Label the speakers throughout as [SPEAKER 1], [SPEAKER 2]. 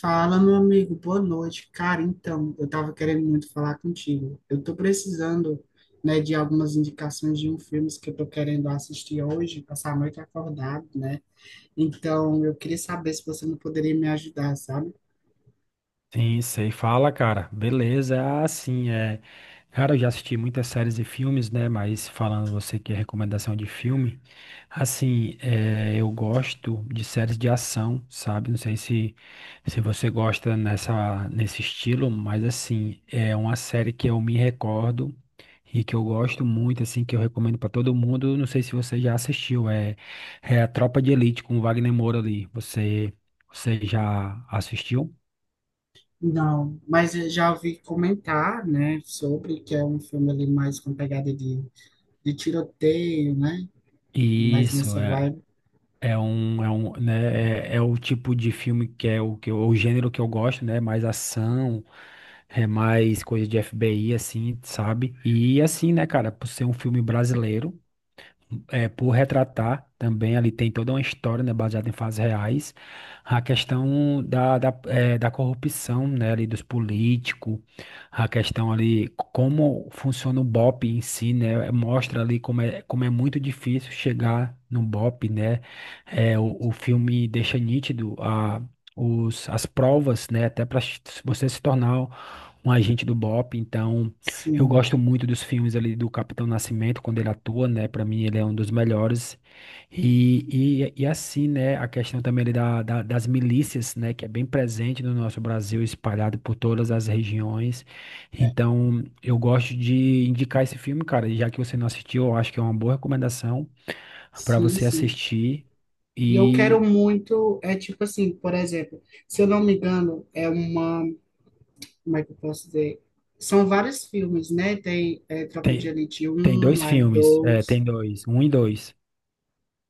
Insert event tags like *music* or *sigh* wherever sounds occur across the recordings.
[SPEAKER 1] Fala, meu amigo, boa noite. Cara, então, eu tava querendo muito falar contigo. Eu tô precisando, né, de algumas indicações de um filme que eu tô querendo assistir hoje, passar a noite acordado, né? Então, eu queria saber se você não poderia me ajudar, sabe?
[SPEAKER 2] Sim, sei. Fala, cara. Beleza. Cara, eu já assisti muitas séries e filmes, né? Mas falando você que é recomendação de filme, assim, eu gosto de séries de ação, sabe? Não sei se, se você gosta nesse estilo, mas assim, é uma série que eu me recordo e que eu gosto muito, assim, que eu recomendo pra todo mundo. Não sei se você já assistiu, é a Tropa de Elite com o Wagner Moura ali. Você já assistiu?
[SPEAKER 1] Não, mas eu já ouvi comentar, né, sobre que é um filme ali mais com pegada de tiroteio, né? Mais
[SPEAKER 2] Isso,
[SPEAKER 1] nessa
[SPEAKER 2] é,
[SPEAKER 1] vibe.
[SPEAKER 2] é o tipo de filme que é o gênero que eu gosto, né? Mais ação, é mais coisa de FBI, assim, sabe? E assim, né, cara, por ser um filme brasileiro é, por retratar também, ali tem toda uma história, né, baseada em fatos reais, a questão da corrupção, né, ali dos políticos, a questão ali como funciona o BOP em si, né, mostra ali como é muito difícil chegar no BOP, né, o filme deixa nítido a, as provas, né, até para você se tornar um agente do BOP. Então eu
[SPEAKER 1] Sim,
[SPEAKER 2] gosto muito dos filmes ali do Capitão Nascimento, quando ele atua, né? Para mim, ele é um dos melhores. E assim, né? A questão também ali das milícias, né? Que é bem presente no nosso Brasil, espalhado por todas as regiões. Então, eu gosto de indicar esse filme, cara. E já que você não assistiu, eu acho que é uma boa recomendação para
[SPEAKER 1] sim,
[SPEAKER 2] você
[SPEAKER 1] sim.
[SPEAKER 2] assistir.
[SPEAKER 1] E eu quero
[SPEAKER 2] E
[SPEAKER 1] muito, é tipo assim, por exemplo, se eu não me engano, é uma, como é que eu posso dizer? São vários filmes, né? Tem é, Tropa de
[SPEAKER 2] tem,
[SPEAKER 1] Elite
[SPEAKER 2] tem
[SPEAKER 1] um
[SPEAKER 2] dois
[SPEAKER 1] aí
[SPEAKER 2] filmes, é,
[SPEAKER 1] 2
[SPEAKER 2] tem dois, um e dois.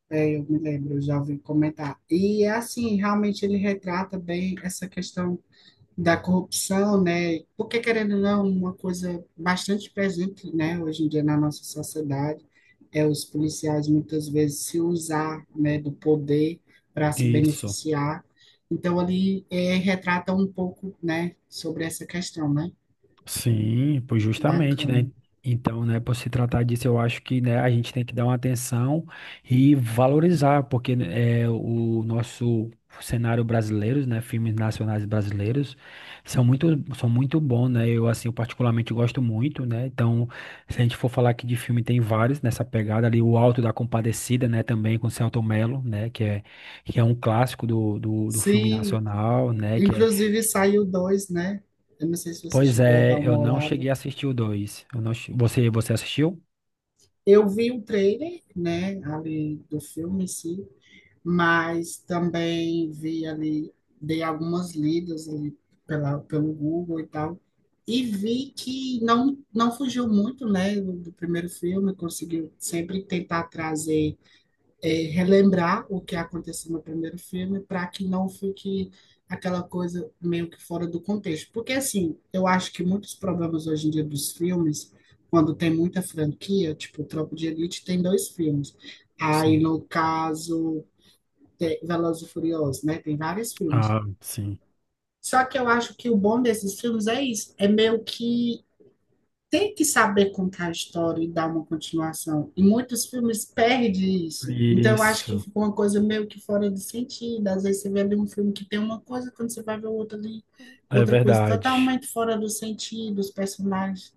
[SPEAKER 1] é, eu me lembro, eu já ouvi comentar. E é assim, realmente ele retrata bem essa questão da corrupção, né? Porque, querendo ou não, uma coisa bastante presente, né, hoje em dia na nossa sociedade, é os policiais muitas vezes se usar, né, do poder para se
[SPEAKER 2] Isso.
[SPEAKER 1] beneficiar. Então, ali é, retrata um pouco, né, sobre essa questão, né?
[SPEAKER 2] Sim, pois justamente, né?
[SPEAKER 1] Bacana.
[SPEAKER 2] Então, né, por se tratar disso, eu acho que, né, a gente tem que dar uma atenção e valorizar, porque né, é, o nosso cenário brasileiro, né, filmes nacionais brasileiros, são muito, são muito bons, né? Eu, assim, eu particularmente gosto muito, né? Então, se a gente for falar aqui de filme, tem vários nessa pegada ali, o Alto da Compadecida, né, também com Selton Mello, né, que é um clássico do filme
[SPEAKER 1] Sim,
[SPEAKER 2] nacional, né.
[SPEAKER 1] inclusive saiu dois, né? Eu não sei se você
[SPEAKER 2] Pois
[SPEAKER 1] chegou a dar
[SPEAKER 2] é,
[SPEAKER 1] uma
[SPEAKER 2] eu não
[SPEAKER 1] olhada.
[SPEAKER 2] cheguei a assistir o dois. Eu não... Você, você assistiu?
[SPEAKER 1] Eu vi o trailer, né, ali do filme em si, mas também vi ali, dei algumas lidas ali pelo Google e tal, e vi que não, não fugiu muito, né, do primeiro filme, conseguiu sempre tentar trazer, relembrar o que aconteceu no primeiro filme, para que não fique aquela coisa meio que fora do contexto. Porque, assim, eu acho que muitos problemas hoje em dia dos filmes, quando tem muita franquia, tipo, Tropa de Elite tem dois filmes. Aí,
[SPEAKER 2] Sim.
[SPEAKER 1] no caso, tem Velozes e Furiosos, né? Tem vários filmes.
[SPEAKER 2] Ah, sim.
[SPEAKER 1] Só que eu acho que o bom desses filmes é isso, é meio que tem que saber contar a história e dar uma continuação. E muitos filmes perdem isso. Então eu acho que
[SPEAKER 2] Isso.
[SPEAKER 1] ficou uma coisa meio que fora de sentido. Às vezes você vê ali um filme que tem uma coisa, quando você vai ver o outro ali,
[SPEAKER 2] É
[SPEAKER 1] outra coisa
[SPEAKER 2] verdade.
[SPEAKER 1] totalmente fora do sentido, os personagens,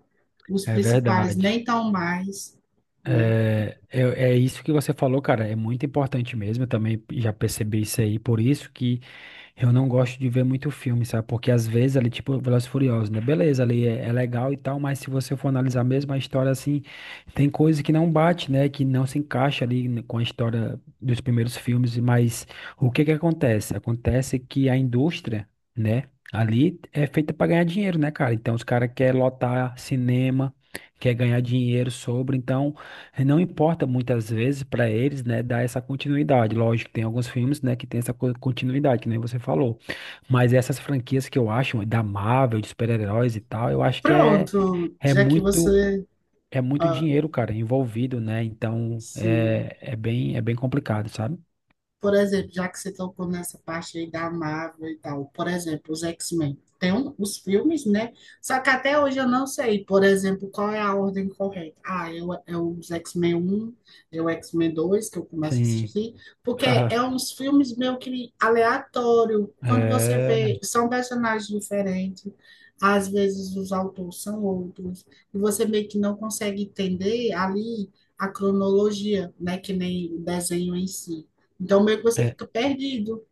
[SPEAKER 1] os
[SPEAKER 2] É
[SPEAKER 1] principais
[SPEAKER 2] verdade.
[SPEAKER 1] nem tão mais, né?
[SPEAKER 2] É isso que você falou, cara. É muito importante mesmo. Eu também já percebi isso aí. Por isso que eu não gosto de ver muito filme, sabe? Porque às vezes ali, tipo, Velozes e Furiosos, né? Beleza, ali é legal e tal, mas se você for analisar mesmo a história, assim, tem coisa que não bate, né? Que não se encaixa ali com a história dos primeiros filmes, mas o que que acontece? Acontece que a indústria, né? Ali é feita para ganhar dinheiro, né, cara? Então os caras querem lotar cinema, quer ganhar dinheiro sobre, então não importa muitas vezes para eles, né, dar essa continuidade. Lógico, tem alguns filmes, né, que tem essa continuidade, que nem você falou. Mas essas franquias que eu acho da Marvel, de super-heróis e tal, eu acho que
[SPEAKER 1] Pronto,
[SPEAKER 2] é
[SPEAKER 1] já que
[SPEAKER 2] muito
[SPEAKER 1] você
[SPEAKER 2] é muito
[SPEAKER 1] ah,
[SPEAKER 2] dinheiro, cara, envolvido, né? Então
[SPEAKER 1] se
[SPEAKER 2] é bem complicado, sabe?
[SPEAKER 1] Por exemplo, já que você tocou nessa parte aí da Marvel e tal, por exemplo, os X-Men. Os filmes, né? Só que até hoje eu não sei, por exemplo, qual é a ordem correta. É os X-Men um é o X-Men 2 que eu começo a
[SPEAKER 2] Sim.
[SPEAKER 1] assistir, porque é
[SPEAKER 2] *laughs*
[SPEAKER 1] uns filmes meio que aleatório.
[SPEAKER 2] Ah,
[SPEAKER 1] Quando você
[SPEAKER 2] é,
[SPEAKER 1] vê, são personagens diferentes, às vezes os autores são outros, e você meio que não consegue entender ali a cronologia, né? Que nem o desenho em si. Então, meio que você
[SPEAKER 2] é.
[SPEAKER 1] fica perdido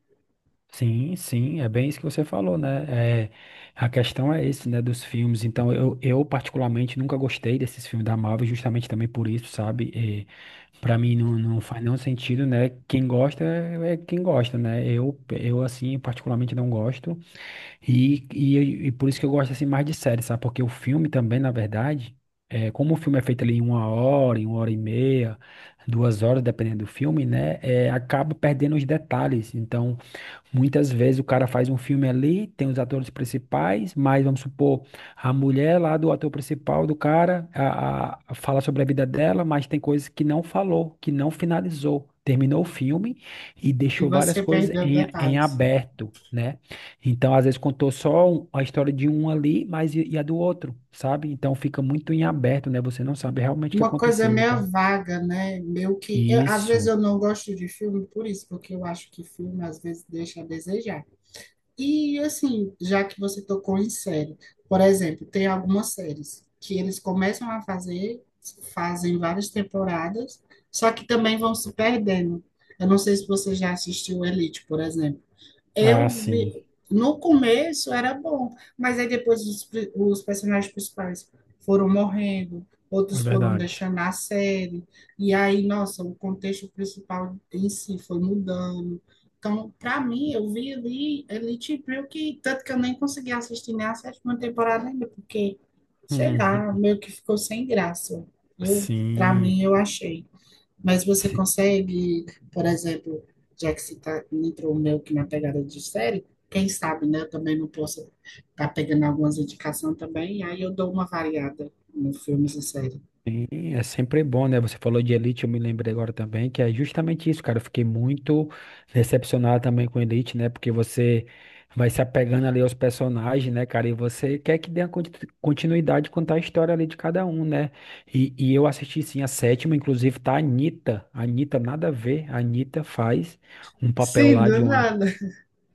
[SPEAKER 2] Sim, é bem isso que você falou, né? É, a questão é esse, né, dos filmes. Então, eu particularmente nunca gostei desses filmes da Marvel, justamente também por isso, sabe? E, para mim não faz nenhum sentido, né? Quem gosta é quem gosta, né? Eu assim, particularmente não gosto. E por isso que eu gosto assim mais de série, sabe? Porque o filme também, na verdade, é, como o filme é feito ali em uma hora e meia, duas horas, dependendo do filme, né? É, acaba perdendo os detalhes. Então, muitas vezes o cara faz um filme ali, tem os atores principais, mas vamos supor, a mulher lá do ator principal do cara a fala sobre a vida dela, mas tem coisas que não falou, que não finalizou. Terminou o filme e
[SPEAKER 1] e
[SPEAKER 2] deixou várias
[SPEAKER 1] você
[SPEAKER 2] coisas
[SPEAKER 1] perdeu
[SPEAKER 2] em
[SPEAKER 1] detalhes.
[SPEAKER 2] aberto, né? Então, às vezes, contou só a história de um ali, mas e a do outro, sabe? Então, fica muito em aberto, né? Você não sabe realmente o que
[SPEAKER 1] Uma coisa
[SPEAKER 2] aconteceu. Então,
[SPEAKER 1] meio vaga, né? Às vezes
[SPEAKER 2] isso.
[SPEAKER 1] eu não gosto de filme por isso, porque eu acho que filme às vezes deixa a desejar. E, assim, já que você tocou em série, por exemplo, tem algumas séries que eles começam a fazer, fazem várias temporadas, só que também vão se perdendo. Eu não sei se você já assistiu Elite, por exemplo.
[SPEAKER 2] Ah,
[SPEAKER 1] Eu
[SPEAKER 2] sim.
[SPEAKER 1] vi, no começo era bom, mas aí depois os personagens principais foram morrendo,
[SPEAKER 2] É
[SPEAKER 1] outros foram
[SPEAKER 2] verdade.
[SPEAKER 1] deixando a série, e aí, nossa, o contexto principal em si foi mudando. Então, para mim, eu vi ali Elite Brill, que tanto que eu nem consegui assistir nem a sétima temporada ainda, porque, sei lá,
[SPEAKER 2] *laughs*
[SPEAKER 1] meio que ficou sem graça. Eu, para
[SPEAKER 2] Sim.
[SPEAKER 1] mim, eu achei. Mas você consegue, por exemplo, já que você tá, entrou meio que na pegada de série, quem sabe, né? Eu também não posso estar tá pegando algumas indicações também, aí eu dou uma variada nos filmes e séries.
[SPEAKER 2] Sim, é sempre bom, né? Você falou de Elite, eu me lembrei agora também, que é justamente isso, cara. Eu fiquei muito decepcionado também com Elite, né? Porque você vai se apegando ali aos personagens, né, cara? E você quer que dê a continuidade, contar a história ali de cada um, né? E eu assisti sim a sétima, inclusive tá a Anitta. A Anitta, nada a ver. A Anitta faz um papel
[SPEAKER 1] Sim,
[SPEAKER 2] lá
[SPEAKER 1] do
[SPEAKER 2] de uma.
[SPEAKER 1] nada.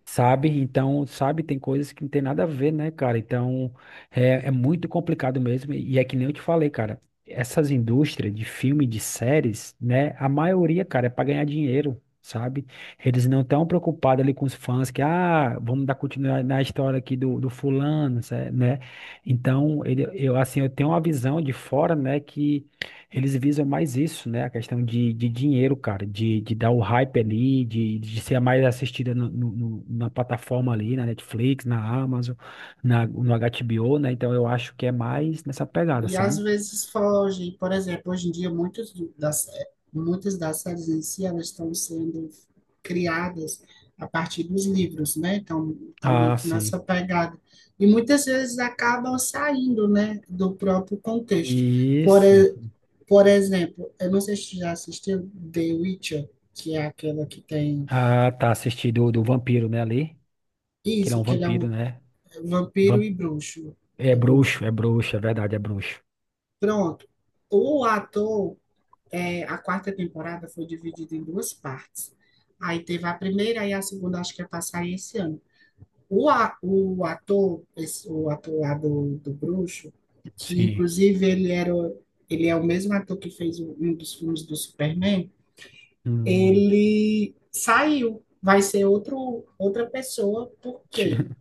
[SPEAKER 2] Sabe? Então, sabe, tem coisas que não tem nada a ver, né, cara? Então, é muito complicado mesmo. E é que nem eu te falei, cara, essas indústrias de filme, de séries, né? A maioria, cara, é para ganhar dinheiro, sabe? Eles não estão preocupados ali com os fãs que, ah, vamos dar continuidade na história aqui do fulano, né? Então, ele, assim, eu tenho uma visão de fora, né, que. Eles visam mais isso, né? A questão de dinheiro, cara, de dar o hype ali, de ser a mais assistida na plataforma ali, na Netflix, na Amazon, no HBO, né? Então eu acho que é mais nessa pegada,
[SPEAKER 1] E às
[SPEAKER 2] sabe?
[SPEAKER 1] vezes foge. Por exemplo, hoje em dia, muitas das séries em si, elas estão sendo criadas a partir dos livros, né? Então, estão
[SPEAKER 2] Ah,
[SPEAKER 1] muito
[SPEAKER 2] sim.
[SPEAKER 1] nessa pegada. E muitas vezes acabam saindo, né, do próprio contexto. Por,
[SPEAKER 2] Isso.
[SPEAKER 1] e- por exemplo, eu não sei se você já assistiu The Witcher, que é aquela que tem
[SPEAKER 2] Ah, tá assistido do vampiro, né, ali? Que ele é
[SPEAKER 1] isso,
[SPEAKER 2] um
[SPEAKER 1] que ele é um
[SPEAKER 2] vampiro, né?
[SPEAKER 1] vampiro
[SPEAKER 2] Vam-
[SPEAKER 1] e bruxo.
[SPEAKER 2] É
[SPEAKER 1] É bruxo.
[SPEAKER 2] bruxo, é bruxo, é verdade, é bruxo.
[SPEAKER 1] Pronto. O ator é, a quarta temporada foi dividida em duas partes. Aí teve a primeira e a segunda, acho que ia passar esse ano. O ator, o ator lá do Bruxo, que
[SPEAKER 2] Sim.
[SPEAKER 1] inclusive ele era, ele é o mesmo ator que fez um dos filmes do Superman,
[SPEAKER 2] Hum.
[SPEAKER 1] ele saiu, vai ser outro, outra pessoa,
[SPEAKER 2] *laughs*
[SPEAKER 1] porque
[SPEAKER 2] Ti-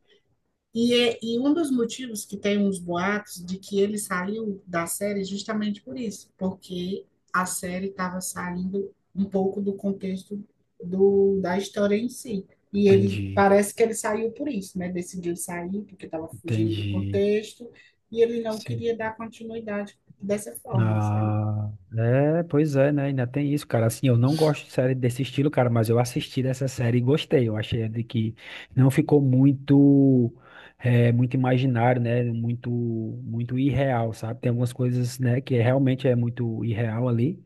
[SPEAKER 1] e um dos motivos que tem uns boatos de que ele saiu da série é justamente por isso, porque a série estava saindo um pouco do contexto da história em si. E ele
[SPEAKER 2] Entendi.
[SPEAKER 1] parece que ele saiu por isso, né? Decidiu sair porque estava fugindo do
[SPEAKER 2] Entendi.
[SPEAKER 1] contexto e ele não
[SPEAKER 2] Sim.
[SPEAKER 1] queria dar continuidade dessa forma, sabe?
[SPEAKER 2] Ah, é, pois é, né? Ainda tem isso, cara. Assim, eu não gosto de série desse estilo, cara, mas eu assisti dessa série e gostei. Eu achei de que não ficou muito, muito imaginário, né? Muito irreal, sabe? Tem algumas coisas, né, que é, realmente é muito irreal ali,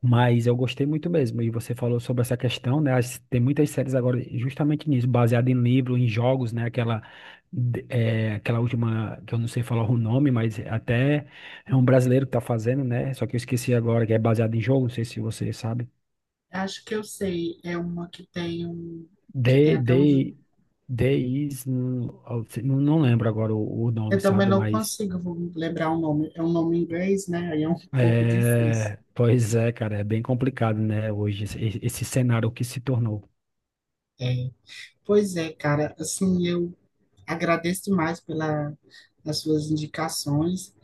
[SPEAKER 2] mas eu gostei muito mesmo. E você falou sobre essa questão, né? Tem muitas séries agora justamente nisso, baseada em livro, em jogos, né? Aquela, aquela última, que eu não sei falar o nome, mas até é um brasileiro que tá fazendo, né? Só que eu esqueci agora, que é baseado em jogo, não sei se você sabe.
[SPEAKER 1] Acho que eu sei, é uma que tem um, que tem
[SPEAKER 2] The,
[SPEAKER 1] até
[SPEAKER 2] The, The Is, não, não lembro agora o
[SPEAKER 1] eu
[SPEAKER 2] nome,
[SPEAKER 1] também
[SPEAKER 2] sabe?
[SPEAKER 1] não
[SPEAKER 2] Mas.
[SPEAKER 1] consigo, vou lembrar o nome. É um nome em inglês, né? Aí é um pouco difícil.
[SPEAKER 2] É, pois é, cara, é bem complicado, né? Hoje, esse cenário que se tornou.
[SPEAKER 1] É, pois é, cara, assim, eu agradeço demais pela, as suas indicações,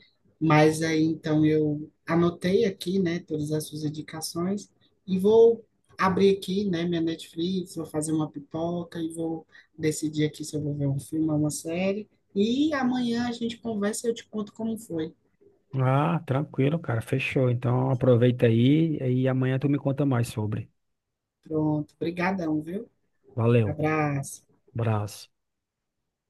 [SPEAKER 1] mas aí então eu anotei aqui, né, todas as suas indicações e vou abrir aqui, né, minha Netflix, vou fazer uma pipoca e vou decidir aqui se eu vou ver um filme ou uma série e amanhã a gente conversa e eu te conto como foi.
[SPEAKER 2] Ah, tranquilo, cara. Fechou. Então aproveita aí e amanhã tu me conta mais sobre.
[SPEAKER 1] Pronto, brigadão, viu?
[SPEAKER 2] Valeu.
[SPEAKER 1] Abraço.
[SPEAKER 2] Abraço.